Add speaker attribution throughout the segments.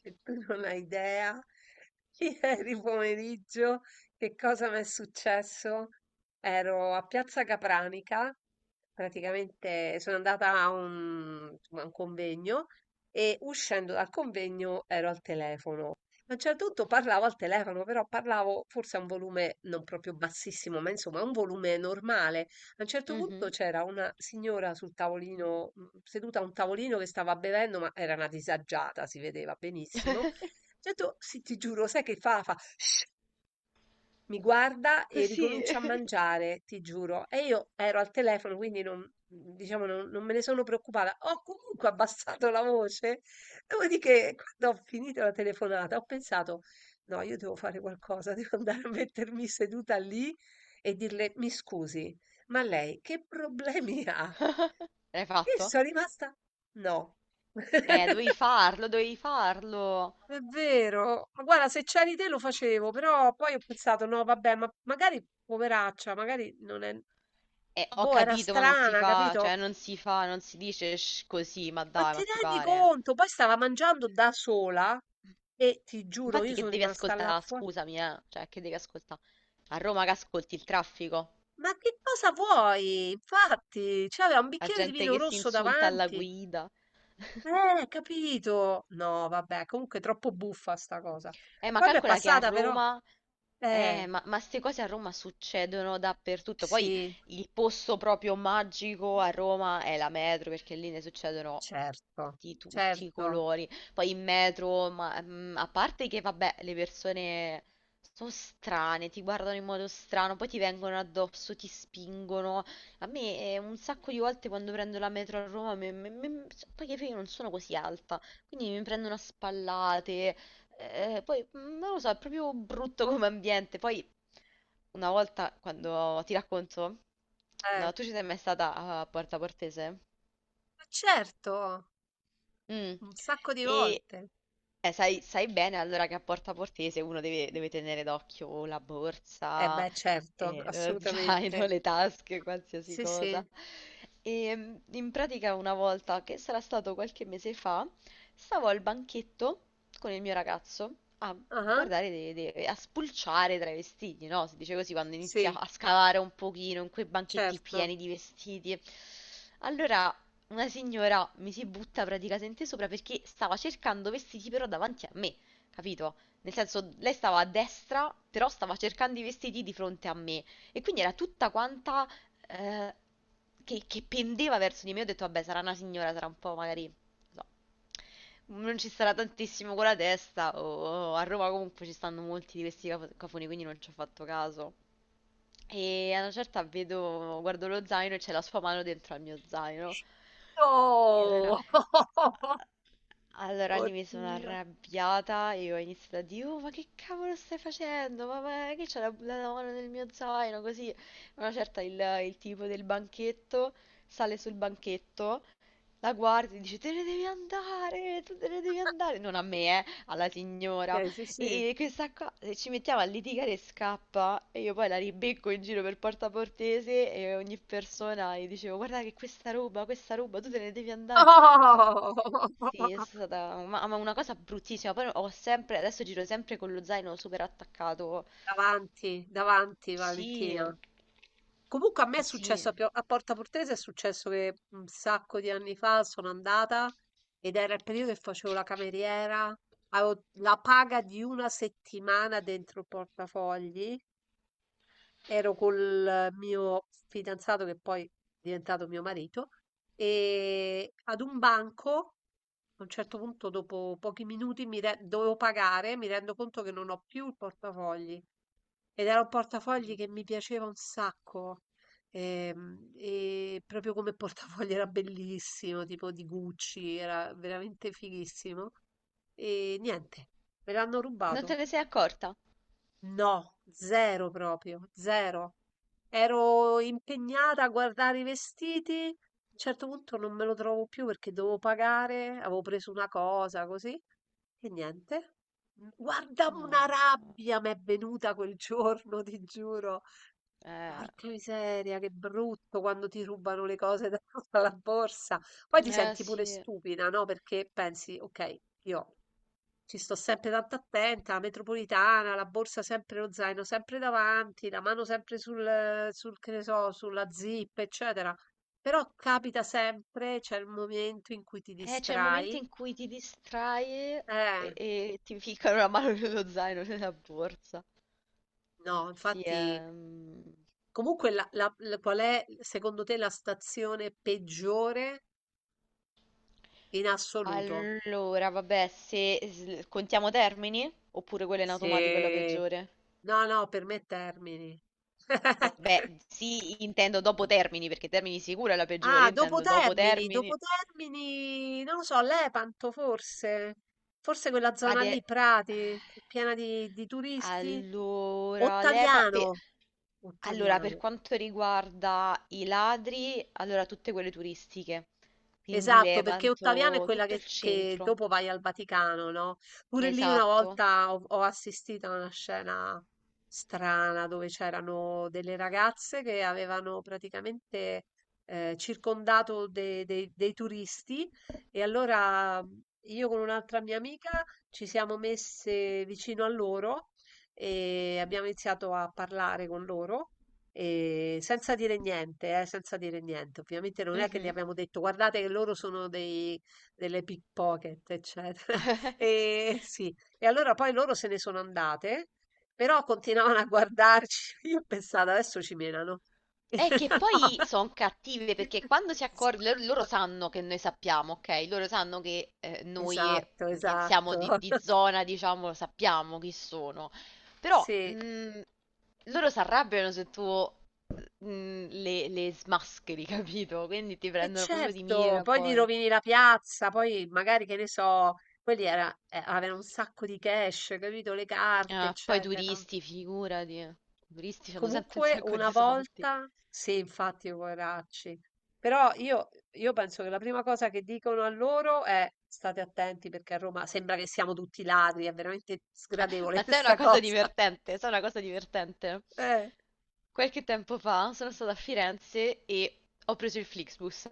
Speaker 1: Che tu non hai idea, ieri pomeriggio che cosa mi è successo? Ero a Piazza Capranica. Praticamente sono andata insomma, a un convegno e uscendo dal convegno ero al telefono. A un certo punto parlavo al telefono, però parlavo forse a un volume non proprio bassissimo, ma insomma a un volume normale. A un certo punto
Speaker 2: Mhm.
Speaker 1: c'era una signora sul tavolino, seduta a un tavolino che stava bevendo, ma era una disagiata, si vedeva benissimo. Ho detto, sì, ti giuro, sai che fa? Fa, mi guarda e
Speaker 2: Così.
Speaker 1: ricomincia a mangiare, ti giuro. E io ero al telefono, quindi non, diciamo, non me ne sono preoccupata. Ho comunque abbassato la voce. Dopodiché, quando ho finito la telefonata, ho pensato, no, io devo fare qualcosa, devo andare a mettermi seduta lì e dirle, mi scusi, ma lei che problemi ha?
Speaker 2: L'hai
Speaker 1: Io
Speaker 2: fatto?
Speaker 1: sono rimasta, no.
Speaker 2: Dovevi farlo, dovevi farlo.
Speaker 1: È vero, ma guarda, se c'eri te lo facevo, però poi ho pensato, no, vabbè, ma magari poveraccia, magari non è.
Speaker 2: Ho
Speaker 1: Boh, era
Speaker 2: capito, ma non si
Speaker 1: strana,
Speaker 2: fa,
Speaker 1: capito?
Speaker 2: cioè non si fa, non si dice così, ma
Speaker 1: Ma
Speaker 2: dai,
Speaker 1: ti
Speaker 2: ma ti
Speaker 1: rendi
Speaker 2: pare.
Speaker 1: conto? Poi stava mangiando da sola e ti giuro,
Speaker 2: Infatti
Speaker 1: io
Speaker 2: che
Speaker 1: sono
Speaker 2: devi
Speaker 1: rimasta là
Speaker 2: ascoltare,
Speaker 1: fuori.
Speaker 2: scusami, cioè che devi ascoltare. A Roma che ascolti il traffico,
Speaker 1: Ma che cosa vuoi? Infatti, c'aveva un
Speaker 2: la
Speaker 1: bicchiere di
Speaker 2: gente
Speaker 1: vino
Speaker 2: che si
Speaker 1: rosso
Speaker 2: insulta alla
Speaker 1: davanti.
Speaker 2: guida.
Speaker 1: Capito? No, vabbè, comunque è troppo buffa sta cosa.
Speaker 2: Ma
Speaker 1: Poi mi è
Speaker 2: calcola che a
Speaker 1: passata però.
Speaker 2: Roma, eh,
Speaker 1: Eh,
Speaker 2: ma, ma ste cose a Roma succedono dappertutto. Poi
Speaker 1: sì,
Speaker 2: il posto proprio magico a Roma è la metro, perché lì ne succedono
Speaker 1: certo,
Speaker 2: di tutti i
Speaker 1: certo.
Speaker 2: colori. Poi in metro, a parte che, vabbè, le persone sono strane, ti guardano in modo strano, poi ti vengono addosso, ti spingono. A me un sacco di volte quando prendo la metro a Roma, cioè, poi che io non sono così alta, quindi mi prendono a spallate. Poi, non lo so, è proprio brutto come ambiente. Poi una volta quando ti racconto,
Speaker 1: Eh,
Speaker 2: no, tu ci sei mai stata a Porta Portese?
Speaker 1: ma certo,
Speaker 2: Mm.
Speaker 1: un sacco di
Speaker 2: E
Speaker 1: volte.
Speaker 2: sai bene allora che a Porta Portese uno deve tenere d'occhio la
Speaker 1: Eh
Speaker 2: borsa,
Speaker 1: beh, certo,
Speaker 2: lo zaino,
Speaker 1: assolutamente.
Speaker 2: le tasche, qualsiasi
Speaker 1: Sì, sì.
Speaker 2: cosa. In pratica una volta, che sarà stato qualche mese fa, stavo al banchetto con il mio ragazzo a
Speaker 1: Ah,
Speaker 2: guardare, a spulciare tra i vestiti, no? Si dice così quando inizia
Speaker 1: sì,
Speaker 2: a scavare un pochino in quei banchetti
Speaker 1: certo.
Speaker 2: pieni di vestiti. Allora una signora mi si butta praticamente sopra perché stava cercando vestiti però davanti a me, capito? Nel senso, lei stava a destra, però stava cercando i vestiti di fronte a me. E quindi era tutta quanta eh, che pendeva verso di me. Ho detto, vabbè, sarà una signora, sarà un po' magari, non so, non ci sarà tantissimo con la testa, o a Roma comunque ci stanno molti di questi cafoni, quindi non ci ho fatto caso. E a una certa vedo, guardo lo zaino e c'è la sua mano dentro al mio zaino. E allora,
Speaker 1: Oh,
Speaker 2: allora lì mi sono
Speaker 1: oddio.
Speaker 2: arrabbiata e ho iniziato a dire, oh ma che cavolo stai facendo? Ma che c'è la mano nel mio zaino? Così, a una certa il tipo del banchetto sale sul banchetto, la guarda e dice, te ne devi andare, tu te ne devi andare. Non a me, alla signora.
Speaker 1: Ok, sì, sì.
Speaker 2: E questa qua se ci mettiamo a litigare e scappa e io poi la ribecco in giro per Porta Portese e ogni persona gli dicevo guarda che questa roba, tu te ne devi andare. Beh,
Speaker 1: Oh!
Speaker 2: sì, è stata ma una cosa bruttissima. Poi ho sempre, adesso giro sempre con lo zaino super attaccato.
Speaker 1: Davanti, davanti,
Speaker 2: Sì,
Speaker 1: Valentina. Comunque a me è
Speaker 2: sì.
Speaker 1: successo a Porta Portese, è successo che un sacco di anni fa sono andata ed era il periodo che facevo la cameriera, avevo la paga di una settimana dentro il portafogli, ero col mio fidanzato che poi è diventato mio marito e ad un banco, a un certo punto dopo pochi minuti dovevo pagare, mi rendo conto che non ho più il portafogli. Ed era un portafogli che mi piaceva un sacco. E, proprio come portafogli era bellissimo, tipo di Gucci, era veramente fighissimo. E niente, me l'hanno
Speaker 2: Non te
Speaker 1: rubato.
Speaker 2: ne sei accorta?
Speaker 1: No, zero proprio, zero. Ero impegnata a guardare i vestiti. A un certo punto non me lo trovo più perché dovevo pagare, avevo preso una cosa così. E niente. Guarda, una
Speaker 2: No.
Speaker 1: rabbia mi è venuta quel giorno, ti giuro.
Speaker 2: Eh,
Speaker 1: Porca miseria, che brutto quando ti rubano le cose dalla borsa. Poi ti
Speaker 2: eh
Speaker 1: senti pure
Speaker 2: sì.
Speaker 1: stupida, no? Perché pensi, ok, io ci sto sempre tanto attenta, la metropolitana, la borsa sempre, lo zaino sempre davanti, la mano sempre sul, che ne so, sulla zip, eccetera. Però capita sempre, c'è il momento in cui ti
Speaker 2: C'è il momento
Speaker 1: distrai.
Speaker 2: in cui ti distrai e,
Speaker 1: Eh,
Speaker 2: e ti ficcano la mano nello zaino, nella borsa.
Speaker 1: no,
Speaker 2: Sì,
Speaker 1: infatti,
Speaker 2: ehm...
Speaker 1: comunque qual è secondo te la stazione peggiore in assoluto?
Speaker 2: Allora, vabbè, se contiamo Termini, oppure quella in automatico è la
Speaker 1: Sì,
Speaker 2: peggiore?
Speaker 1: no, no, per me Termini.
Speaker 2: Vabbè, sì, intendo dopo Termini, perché Termini sicuro è la peggiore,
Speaker 1: Ah,
Speaker 2: io intendo dopo
Speaker 1: Dopo
Speaker 2: Termini.
Speaker 1: Termini, non lo so, Lepanto forse, forse quella zona lì,
Speaker 2: Ade...
Speaker 1: Prati, piena di turisti.
Speaker 2: Allora, l'EPA... per-
Speaker 1: Ottaviano,
Speaker 2: Allora, per
Speaker 1: Ottaviano,
Speaker 2: quanto riguarda i ladri, allora tutte quelle turistiche, quindi
Speaker 1: esatto, perché Ottaviano è
Speaker 2: Levanto,
Speaker 1: quella
Speaker 2: tutto il
Speaker 1: che
Speaker 2: centro,
Speaker 1: dopo vai al Vaticano, no? Pure lì una
Speaker 2: esatto.
Speaker 1: volta ho assistito a una scena strana dove c'erano delle ragazze che avevano praticamente circondato dei turisti e allora io con un'altra mia amica ci siamo messe vicino a loro e abbiamo iniziato a parlare con loro. E senza dire niente, senza dire niente. Ovviamente non è che gli
Speaker 2: Mhm.
Speaker 1: abbiamo detto guardate che loro sono dei, delle pickpocket, eccetera. E sì, e allora poi loro se ne sono andate, però continuavano a guardarci. Io pensavo adesso ci menano.
Speaker 2: È che
Speaker 1: No.
Speaker 2: poi sono cattive perché quando si accorgono, loro sanno che noi sappiamo, ok? Loro sanno che noi
Speaker 1: Esatto,
Speaker 2: che siamo
Speaker 1: esatto.
Speaker 2: di zona, diciamo, sappiamo chi sono. Però
Speaker 1: Sì.
Speaker 2: loro si arrabbiano se tu le smascheri, capito? Quindi ti
Speaker 1: E
Speaker 2: prendono proprio di
Speaker 1: certo,
Speaker 2: mira
Speaker 1: poi gli
Speaker 2: poi.
Speaker 1: rovini la piazza, poi magari che ne so, quelli era, aveva un sacco di cash, capito? Le carte,
Speaker 2: Ah, poi
Speaker 1: eccetera.
Speaker 2: turisti, figurati. I turisti hanno sempre un
Speaker 1: Comunque
Speaker 2: sacco
Speaker 1: una
Speaker 2: di soldi.
Speaker 1: volta, sì, infatti, poveracci. Però io penso che la prima cosa che dicono a loro è state attenti perché a Roma sembra che siamo tutti ladri, è veramente sgradevole
Speaker 2: Ma sai
Speaker 1: questa
Speaker 2: una cosa
Speaker 1: cosa.
Speaker 2: divertente? Sai una cosa divertente?
Speaker 1: Eh.
Speaker 2: Qualche tempo fa sono stata a Firenze e ho preso il Flixbus.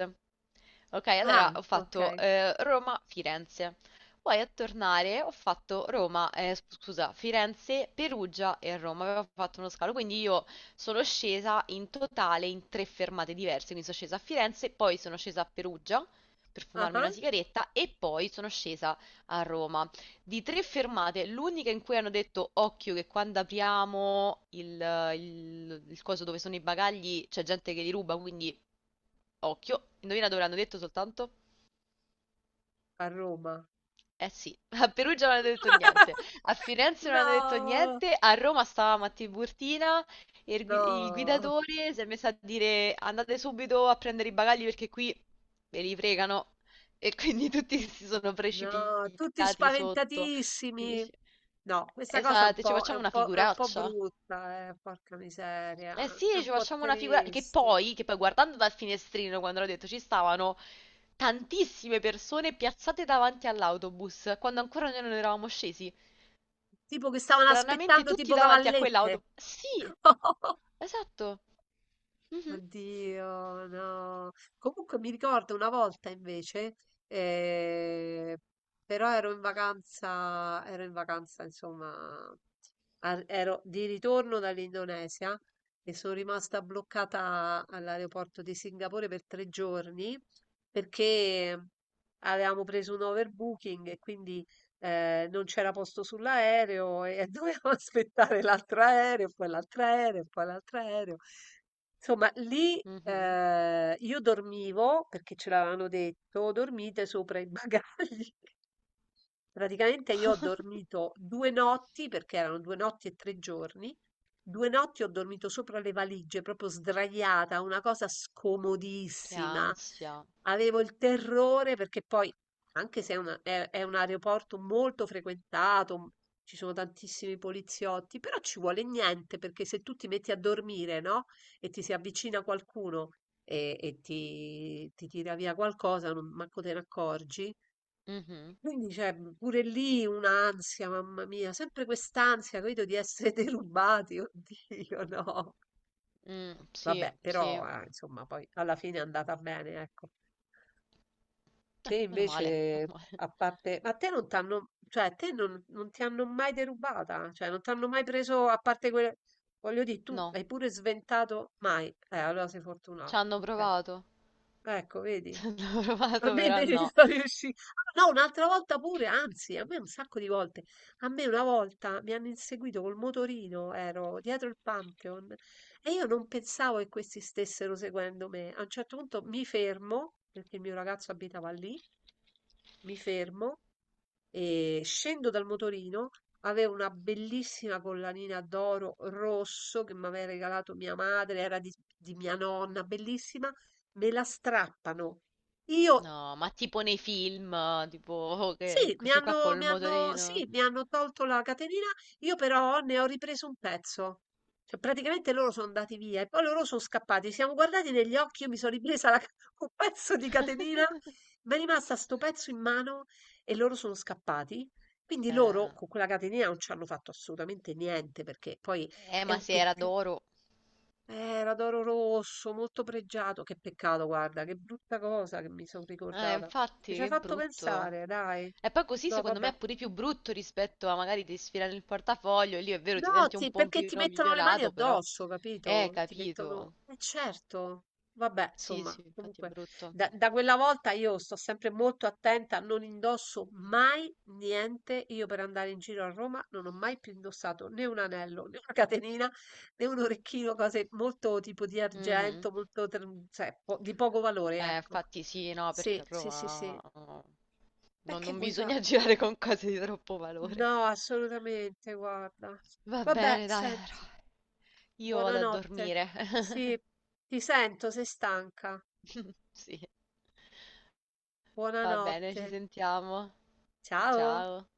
Speaker 2: Ok, allora
Speaker 1: Ah,
Speaker 2: ho fatto
Speaker 1: ok.
Speaker 2: Roma-Firenze. Poi a tornare ho fatto Roma, scusa, Firenze, Perugia e Roma. Avevo fatto uno scalo, quindi io sono scesa in totale in tre fermate diverse. Quindi sono scesa a Firenze, poi sono scesa a Perugia per
Speaker 1: Ah,
Speaker 2: fumarmi
Speaker 1: ah,
Speaker 2: una sigaretta e poi sono scesa a Roma. Di tre fermate, l'unica in cui hanno detto occhio che quando apriamo il coso dove sono i bagagli c'è gente che li ruba, quindi occhio. Indovina dove l'hanno detto soltanto?
Speaker 1: a Roma.
Speaker 2: Eh sì, a Perugia non hanno detto niente, a Firenze non hanno detto
Speaker 1: No,
Speaker 2: niente, a Roma stavamo a Tiburtina e il
Speaker 1: no.
Speaker 2: guidatore si è messo a dire andate subito a prendere i bagagli perché qui ve li fregano e quindi tutti si sono
Speaker 1: No, tutti
Speaker 2: precipitati sotto. Quindi
Speaker 1: spaventatissimi.
Speaker 2: dici,
Speaker 1: No, questa cosa è
Speaker 2: esatto, ci facciamo una
Speaker 1: un po'
Speaker 2: figuraccia.
Speaker 1: brutta, porca miseria.
Speaker 2: Eh sì,
Speaker 1: È un
Speaker 2: ci
Speaker 1: po'
Speaker 2: facciamo una figura che
Speaker 1: triste.
Speaker 2: poi, che poi guardando dal finestrino quando l'ho detto ci stavano tantissime persone piazzate davanti all'autobus quando ancora noi non eravamo scesi.
Speaker 1: Tipo che stavano
Speaker 2: Stranamente
Speaker 1: aspettando
Speaker 2: tutti
Speaker 1: tipo
Speaker 2: davanti a
Speaker 1: cavallette.
Speaker 2: quell'autobus. Sì, esatto. Mhm,
Speaker 1: Oddio, no. Comunque mi ricordo una volta invece, eh, però ero in vacanza, insomma, ero di ritorno dall'Indonesia e sono rimasta bloccata all'aeroporto di Singapore per 3 giorni perché avevamo preso un overbooking e quindi non c'era posto sull'aereo e dovevamo aspettare l'altro aereo, poi l'altro aereo, poi l'altro aereo. Insomma, lì
Speaker 2: mhm.
Speaker 1: io dormivo perché ce l'avevano detto, dormite sopra i bagagli. Praticamente io ho dormito 2 notti, perché erano 2 notti e 3 giorni, 2 notti ho dormito sopra le valigie, proprio sdraiata, una cosa
Speaker 2: Che
Speaker 1: scomodissima.
Speaker 2: ansia.
Speaker 1: Avevo il terrore perché poi, anche se è un aeroporto molto frequentato, ci sono tantissimi poliziotti, però ci vuole niente perché se tu ti metti a dormire, no? E ti si avvicina qualcuno e ti tira via qualcosa, non manco te ne accorgi.
Speaker 2: Mhm,
Speaker 1: Quindi c'è pure lì un'ansia, mamma mia, sempre quest'ansia, credo di essere derubati, oddio, no.
Speaker 2: mm, sì,
Speaker 1: Vabbè,
Speaker 2: sì.
Speaker 1: però, insomma, poi alla fine è andata bene, ecco. Te
Speaker 2: Ah, meno male, meno
Speaker 1: invece,
Speaker 2: male.
Speaker 1: a parte. Ma te non t'hanno. Cioè, te non ti hanno mai derubata, cioè, non ti hanno mai preso, a parte quelle. Voglio dire, tu
Speaker 2: No,
Speaker 1: hai pure sventato mai. Allora sei
Speaker 2: ci
Speaker 1: fortunata,
Speaker 2: hanno
Speaker 1: ok.
Speaker 2: provato.
Speaker 1: Ecco, vedi?
Speaker 2: Ci hanno provato,
Speaker 1: Vabbè
Speaker 2: però
Speaker 1: devi
Speaker 2: no.
Speaker 1: riusci ah no, un'altra volta pure, anzi a me un sacco di volte. A me una volta mi hanno inseguito col motorino, ero dietro il Pantheon e io non pensavo che questi stessero seguendo me. A un certo punto mi fermo, perché il mio ragazzo abitava lì, mi fermo e scendo dal motorino. Avevo una bellissima collanina d'oro rosso che mi aveva regalato mia madre, era di mia nonna, bellissima. Me la strappano. Io
Speaker 2: No, ma tipo nei film, tipo oh, che
Speaker 1: Sì,
Speaker 2: questi qua col
Speaker 1: mi hanno
Speaker 2: motorino.
Speaker 1: sì, mi hanno tolto la catenina, io però ne ho ripreso un pezzo. Cioè, praticamente loro sono andati via e poi loro sono scappati. Ci siamo guardati negli occhi, io mi sono ripresa un pezzo di catenina, mi è rimasta sto pezzo in mano e loro sono scappati. Quindi loro
Speaker 2: Eh,
Speaker 1: con quella catenina non ci hanno fatto assolutamente niente perché poi
Speaker 2: eh,
Speaker 1: è
Speaker 2: ma
Speaker 1: un
Speaker 2: se era
Speaker 1: peccato.
Speaker 2: d'oro.
Speaker 1: Era d'oro rosso, molto pregiato. Che peccato, guarda, che brutta cosa che mi sono ricordata. Mi
Speaker 2: Infatti,
Speaker 1: ci hai
Speaker 2: che
Speaker 1: fatto
Speaker 2: brutto.
Speaker 1: pensare, dai.
Speaker 2: E poi così
Speaker 1: No,
Speaker 2: secondo me
Speaker 1: vabbè.
Speaker 2: è pure più brutto rispetto a magari ti sfilano il portafoglio, e lì è vero ti
Speaker 1: No,
Speaker 2: senti un po' un
Speaker 1: perché ti
Speaker 2: pochino
Speaker 1: mettono le mani
Speaker 2: violato, però.
Speaker 1: addosso, capito? Ti mettono.
Speaker 2: Capito.
Speaker 1: Eh certo, vabbè,
Speaker 2: Sì,
Speaker 1: insomma,
Speaker 2: sì, infatti è
Speaker 1: comunque,
Speaker 2: brutto.
Speaker 1: da quella volta io sto sempre molto attenta, non indosso mai niente. Io per andare in giro a Roma non ho mai più indossato né un anello, né una catenina, né un orecchino, cose molto tipo di
Speaker 2: Mhm.
Speaker 1: argento, molto, cioè, di poco valore, ecco.
Speaker 2: Infatti sì, no, perché
Speaker 1: Sì,
Speaker 2: a
Speaker 1: sì, sì, sì.
Speaker 2: Roma no,
Speaker 1: E
Speaker 2: non,
Speaker 1: che
Speaker 2: non
Speaker 1: vuoi fare?
Speaker 2: bisogna girare con cose di troppo valore.
Speaker 1: No, assolutamente, guarda.
Speaker 2: Va
Speaker 1: Vabbè,
Speaker 2: bene, dai,
Speaker 1: senti.
Speaker 2: allora. Io vado a
Speaker 1: Buonanotte.
Speaker 2: dormire.
Speaker 1: Sì, ti sento, sei stanca.
Speaker 2: Sì. Va bene, ci
Speaker 1: Buonanotte.
Speaker 2: sentiamo.
Speaker 1: Ciao.
Speaker 2: Ciao.